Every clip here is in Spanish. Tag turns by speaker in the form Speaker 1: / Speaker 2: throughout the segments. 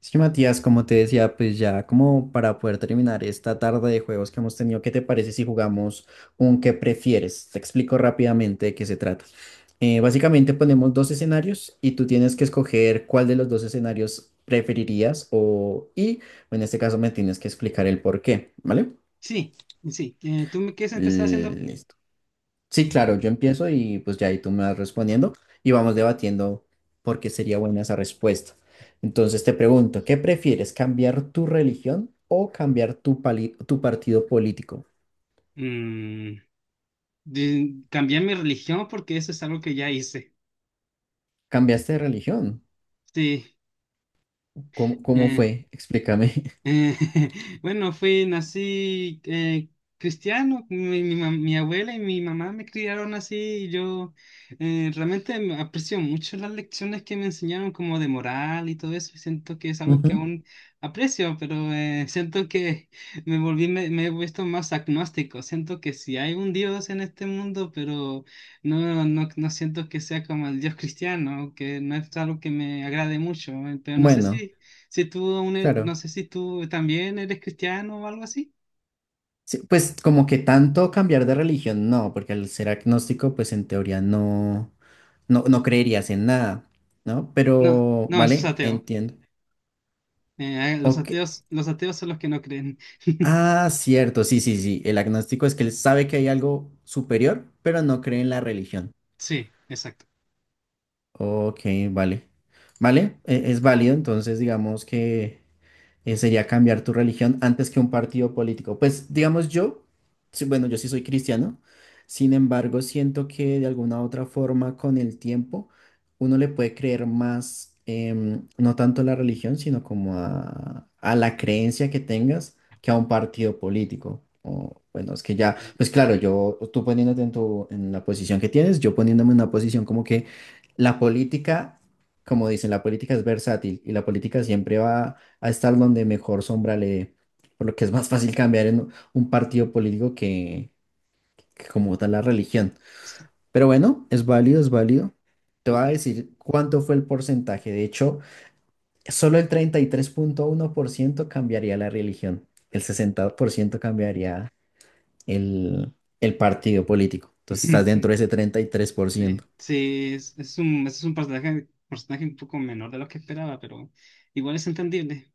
Speaker 1: Sí, Matías, como te decía, pues ya como para poder terminar esta tarde de juegos que hemos tenido, ¿qué te parece si jugamos un qué prefieres? Te explico rápidamente de qué se trata. Básicamente ponemos dos escenarios y tú tienes que escoger cuál de los dos escenarios preferirías o y en este caso me tienes que explicar el por qué, ¿vale?
Speaker 2: Sí, sí. ¿Tú me quieres empezar haciendo?
Speaker 1: Listo. Sí, claro, yo empiezo y pues ya ahí tú me vas respondiendo y vamos debatiendo por qué sería buena esa respuesta. Entonces te pregunto, ¿qué prefieres, cambiar tu religión o cambiar tu partido político?
Speaker 2: Mm, Cambiar mi religión porque eso es algo que ya hice.
Speaker 1: ¿Cambiaste de religión?
Speaker 2: Sí.
Speaker 1: ¿Cómo
Speaker 2: eh,
Speaker 1: fue? Explícame.
Speaker 2: Eh, bueno, fui, nací cristiano, mi abuela y mi mamá me criaron así y yo realmente me aprecio mucho las lecciones que me enseñaron como de moral y todo eso y siento que es algo
Speaker 1: Ujú.
Speaker 2: que aún aprecio, pero siento que me he vuelto más agnóstico, siento que sí hay un Dios en este mundo, pero no, no, no siento que sea como el Dios cristiano, que no es algo que me agrade mucho, pero no sé
Speaker 1: Bueno,
Speaker 2: si... Si no
Speaker 1: claro.
Speaker 2: sé si tú también eres cristiano o algo así.
Speaker 1: Sí, pues como que tanto cambiar de religión, no, porque al ser agnóstico, pues en teoría no, no creerías en nada, ¿no?
Speaker 2: No,
Speaker 1: Pero,
Speaker 2: no, eso es
Speaker 1: vale,
Speaker 2: ateo.
Speaker 1: entiendo. Ok.
Speaker 2: Los ateos son los que no creen.
Speaker 1: Ah, cierto, sí, sí, sí. El agnóstico es que él sabe que hay algo superior, pero no cree en la religión.
Speaker 2: Sí, exacto.
Speaker 1: Ok, vale. Vale, es válido, entonces digamos que sería cambiar tu religión antes que un partido político. Pues digamos yo, sí, bueno, yo sí soy cristiano, sin embargo, siento que de alguna u otra forma con el tiempo uno le puede creer más, no tanto a la religión, sino como a la creencia que tengas que a un partido político. O, bueno, es que ya, pues claro, yo, tú poniéndote en tu, en la posición que tienes, yo poniéndome en una posición como que la política, como dicen, la política es versátil y la política siempre va a estar donde mejor sombra le, por lo que es más fácil cambiar en un partido político que como tal la religión.
Speaker 2: Sí,
Speaker 1: Pero bueno, es válido, es válido. Te voy a
Speaker 2: ok.
Speaker 1: decir cuánto fue el porcentaje. De hecho, solo el 33,1% cambiaría la religión. El 60% cambiaría el, el partido político. Entonces estás dentro de ese treinta y tres por
Speaker 2: Sí,
Speaker 1: ciento
Speaker 2: sí, es es un personaje, personaje un poco menor de lo que esperaba, pero igual es entendible.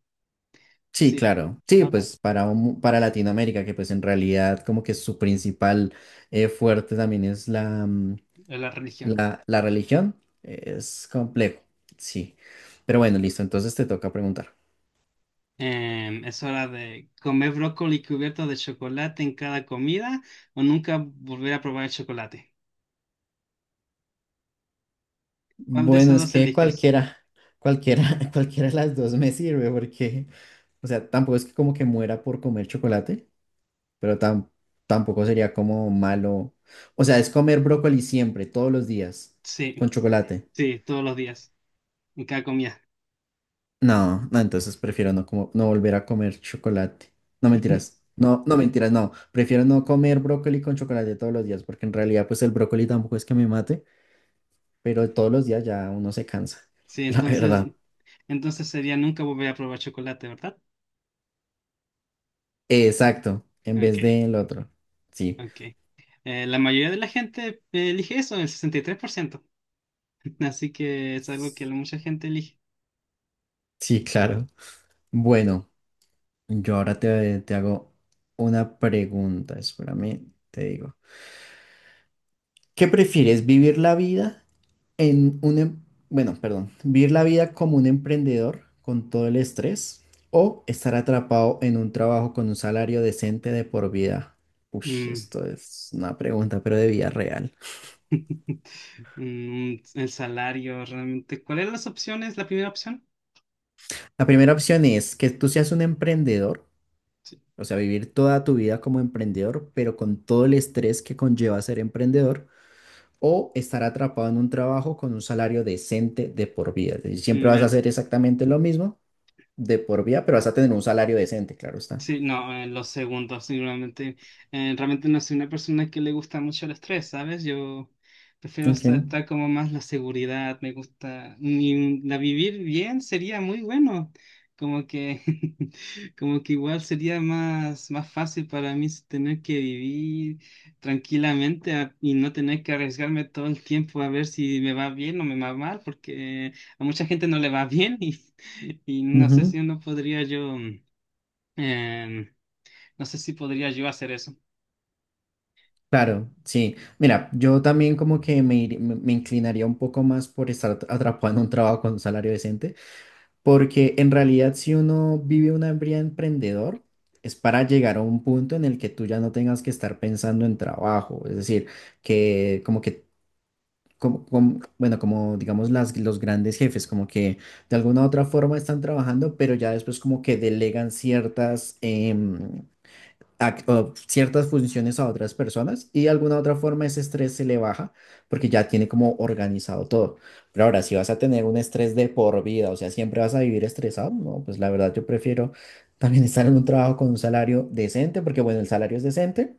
Speaker 1: Sí,
Speaker 2: Sí,
Speaker 1: claro. Sí,
Speaker 2: ahora
Speaker 1: pues para, para Latinoamérica, que pues en realidad como que su principal fuerte también es la
Speaker 2: la religión.
Speaker 1: la religión es complejo, sí. Pero bueno, listo, entonces te toca preguntar.
Speaker 2: Es hora de comer brócoli cubierto de chocolate en cada comida o nunca volver a probar el chocolate. ¿Cuál de
Speaker 1: Bueno,
Speaker 2: esos
Speaker 1: es
Speaker 2: dos
Speaker 1: que
Speaker 2: eliges?
Speaker 1: cualquiera, cualquiera de las dos me sirve porque, o sea, tampoco es que como que muera por comer chocolate, pero tampoco sería como malo. O sea, es comer brócoli siempre, todos los días, con
Speaker 2: Sí,
Speaker 1: chocolate.
Speaker 2: sí, todos los días, en cada comida.
Speaker 1: No, no, entonces prefiero no, como, no volver a comer chocolate. No mentiras. No, no mentiras, no. Prefiero no comer brócoli con chocolate todos los días, porque en realidad pues el brócoli tampoco es que me mate, pero todos los días ya uno se cansa,
Speaker 2: Sí,
Speaker 1: la verdad.
Speaker 2: entonces sería nunca volver a probar chocolate, ¿verdad?
Speaker 1: Exacto, en
Speaker 2: Ok,
Speaker 1: vez del otro. Sí,
Speaker 2: ok. La mayoría de la gente elige eso, el 63%, así que es algo que la mucha gente elige.
Speaker 1: sí, claro. Bueno, yo ahora te hago una pregunta, espérame, te digo. ¿Qué prefieres, vivir la vida bueno, perdón, vivir la vida como un emprendedor con todo el estrés, o estar atrapado en un trabajo con un salario decente de por vida? Ush,
Speaker 2: Mm.
Speaker 1: esto es una pregunta, pero de vida real.
Speaker 2: Mm, el salario, realmente. ¿Cuáles eran las opciones? La primera opción,
Speaker 1: La primera opción es que tú seas un emprendedor, o sea, vivir toda tu vida como emprendedor, pero con todo el estrés que conlleva ser emprendedor. O estar atrapado en un trabajo con un salario decente de por vida. Es decir, siempre
Speaker 2: mm,
Speaker 1: vas a
Speaker 2: el,
Speaker 1: hacer exactamente lo mismo de por vida, pero vas a tener un salario decente, claro está.
Speaker 2: sí, no, en los segundos, seguramente. Realmente no soy una persona que le gusta mucho el estrés, ¿sabes? Yo prefiero
Speaker 1: Ok,
Speaker 2: estar como más la seguridad, me gusta. La vivir bien sería muy bueno. Como que, como que igual sería más fácil para mí tener que vivir tranquilamente y no tener que arriesgarme todo el tiempo a ver si me va bien o me va mal, porque a mucha gente no le va bien y, y no sé
Speaker 1: ujú.
Speaker 2: si uno podría yo. Em, no sé si podría yo hacer eso.
Speaker 1: Claro, sí. Mira, yo también como que me, ir- me me inclinaría un poco más por estar atrapado en un trabajo con un salario decente, porque en realidad si uno vive una vida emprendedor, es para llegar a un punto en el que tú ya no tengas que estar pensando en trabajo, es decir, que bueno, como digamos las, los grandes jefes, como que de alguna u otra forma están trabajando, pero ya después como que delegan ciertas o ciertas funciones a otras personas y de alguna otra forma ese estrés se le baja porque ya tiene como organizado todo. Pero ahora, si vas a tener un estrés de por vida, o sea, siempre vas a vivir estresado, no, pues la verdad yo prefiero también estar en un trabajo con un salario decente, porque bueno, el salario es decente.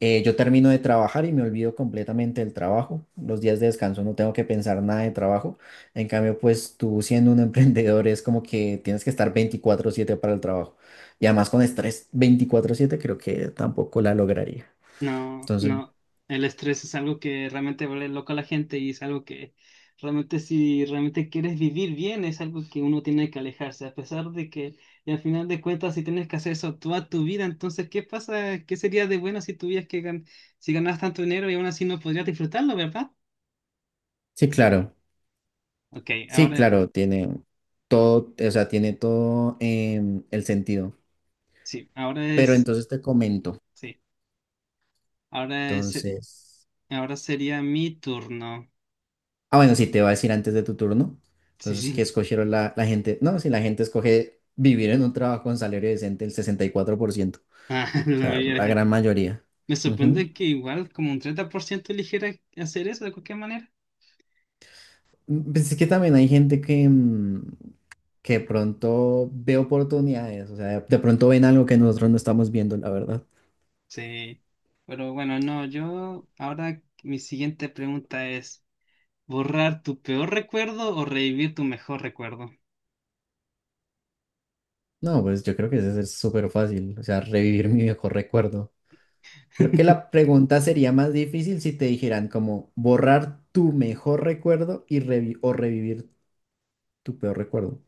Speaker 1: Yo termino de trabajar y me olvido completamente del trabajo. Los días de descanso no tengo que pensar nada de trabajo. En cambio, pues tú siendo un emprendedor es como que tienes que estar 24/7 para el trabajo. Y además con estrés 24/7 creo que tampoco la lograría.
Speaker 2: No,
Speaker 1: Entonces,
Speaker 2: no. El estrés es algo que realmente vuelve loco a la gente y es algo que realmente si realmente quieres vivir bien es algo que uno tiene que alejarse, a pesar de que y al final de cuentas si tienes que hacer eso toda tu vida, entonces ¿qué pasa? ¿Qué sería de bueno si tuvieras que si ganas tanto dinero y aún así no podrías disfrutarlo, ¿verdad?
Speaker 1: sí, claro.
Speaker 2: Ok,
Speaker 1: Sí,
Speaker 2: ahora
Speaker 1: claro, tiene todo, o sea, tiene todo el sentido.
Speaker 2: sí, ahora
Speaker 1: Pero
Speaker 2: es
Speaker 1: entonces te comento.
Speaker 2: sí, ahora es seri-
Speaker 1: Entonces...
Speaker 2: ahora sería mi turno.
Speaker 1: Ah, bueno, sí, te va a decir antes de tu turno.
Speaker 2: Sí,
Speaker 1: Entonces, ¿qué
Speaker 2: sí.
Speaker 1: escogieron la gente? No, si la gente escoge vivir en un trabajo con salario decente, el 64%.
Speaker 2: Ah,
Speaker 1: O
Speaker 2: la
Speaker 1: sea,
Speaker 2: mayoría de la
Speaker 1: la gran
Speaker 2: gente.
Speaker 1: mayoría.
Speaker 2: Me
Speaker 1: Ujú.
Speaker 2: sorprende que igual como un 30% eligiera hacer eso de cualquier manera.
Speaker 1: Mm. Pues es que también hay gente que de pronto ve oportunidades. O sea, de pronto ven algo que nosotros no estamos viendo, la verdad.
Speaker 2: Sí. Pero bueno, no, yo ahora mi siguiente pregunta es, ¿borrar tu peor recuerdo o revivir tu mejor recuerdo?
Speaker 1: No, pues yo creo que eso es súper fácil. O sea, revivir mi viejo recuerdo. Creo que la pregunta sería más difícil si te dijeran como borrar tu mejor recuerdo y o revivir tu peor recuerdo.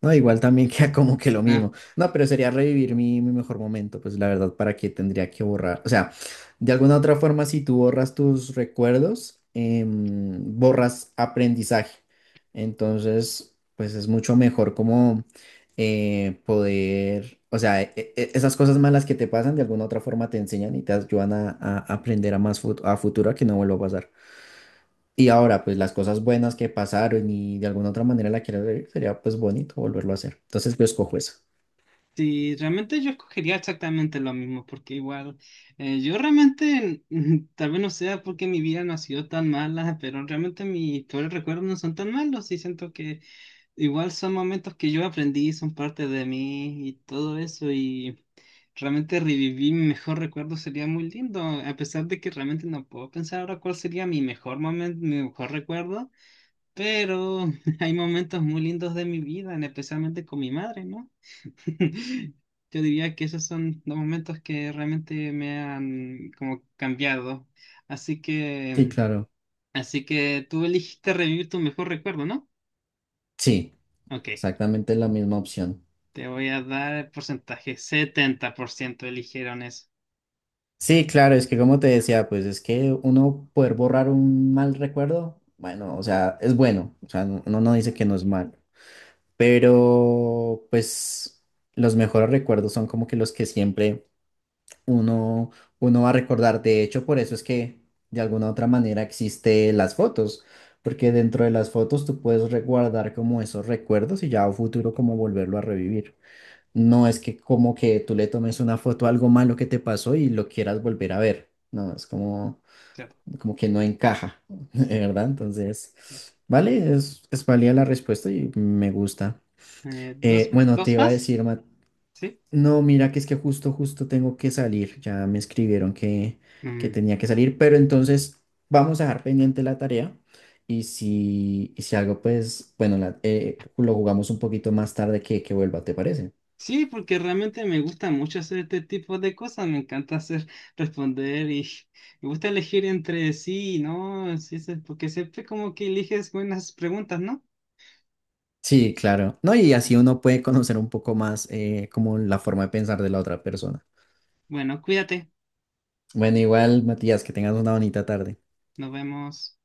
Speaker 1: No,
Speaker 2: Sí.
Speaker 1: igual también queda como que lo
Speaker 2: Ah,
Speaker 1: mismo. No, pero sería revivir mi mejor momento, pues la verdad, ¿para qué tendría que borrar? O sea, de alguna otra forma, si tú borras tus recuerdos, borras aprendizaje. Entonces, pues es mucho mejor como poder, o sea, esas cosas malas que te pasan, de alguna otra forma te enseñan y te ayudan a aprender a futuro a que no vuelva a pasar. Y ahora, pues las cosas buenas que pasaron y de alguna otra manera la quiero ver, sería pues bonito volverlo a hacer. Entonces yo escojo eso.
Speaker 2: sí, realmente yo escogería exactamente lo mismo, porque igual yo realmente, mm, tal vez no sea porque mi vida no ha sido tan mala, pero realmente mis peores recuerdos no son tan malos y siento que igual son momentos que yo aprendí, son parte de mí y todo eso y realmente revivir mi mejor recuerdo sería muy lindo, a pesar de que realmente no puedo pensar ahora cuál sería mi mejor momento, mi mejor recuerdo, pero hay momentos muy lindos de mi vida, especialmente con mi madre, ¿no? Yo diría que esos son los momentos que realmente me han como cambiado. Así
Speaker 1: Sí,
Speaker 2: que,
Speaker 1: claro.
Speaker 2: así que tú elegiste revivir tu mejor recuerdo, ¿no?
Speaker 1: Sí,
Speaker 2: Ok.
Speaker 1: exactamente la misma opción.
Speaker 2: Te voy a dar el porcentaje. 70% eligieron eso.
Speaker 1: Sí, claro, es que como te decía, pues es que uno poder borrar un mal recuerdo, bueno, o sea, es bueno, o sea, uno no dice que no es mal, pero pues los mejores recuerdos son como que los que siempre uno, uno va a recordar. De hecho, por eso es que de alguna otra manera existe las fotos, porque dentro de las fotos tú puedes guardar como esos recuerdos y ya a futuro como volverlo a revivir. No es que como que tú le tomes una foto a algo malo que te pasó y lo quieras volver a ver. No, es
Speaker 2: Cierto.
Speaker 1: como que no encaja, ¿de
Speaker 2: Sí,
Speaker 1: verdad? Entonces,
Speaker 2: sí.
Speaker 1: vale, es válida la respuesta y me gusta.
Speaker 2: ¿Dos,
Speaker 1: Bueno, te
Speaker 2: dos
Speaker 1: iba a
Speaker 2: más?
Speaker 1: decir, Mateo.
Speaker 2: Sí.
Speaker 1: No, mira que es que justo tengo que salir. Ya me escribieron que
Speaker 2: Mm.
Speaker 1: tenía que salir, pero entonces vamos a dejar pendiente la tarea y si algo, pues, bueno, lo jugamos un poquito más tarde que vuelva, ¿te parece?
Speaker 2: Sí, porque realmente me gusta mucho hacer este tipo de cosas. Me encanta hacer, responder y me gusta elegir entre sí y no. Sí, sí, porque siempre como que eliges buenas preguntas, ¿no?
Speaker 1: Sí, claro. No, y así uno puede conocer un poco más como la forma de pensar de la otra persona.
Speaker 2: Bueno, cuídate.
Speaker 1: Bueno, igual, Matías, que tengas una bonita tarde.
Speaker 2: Nos vemos.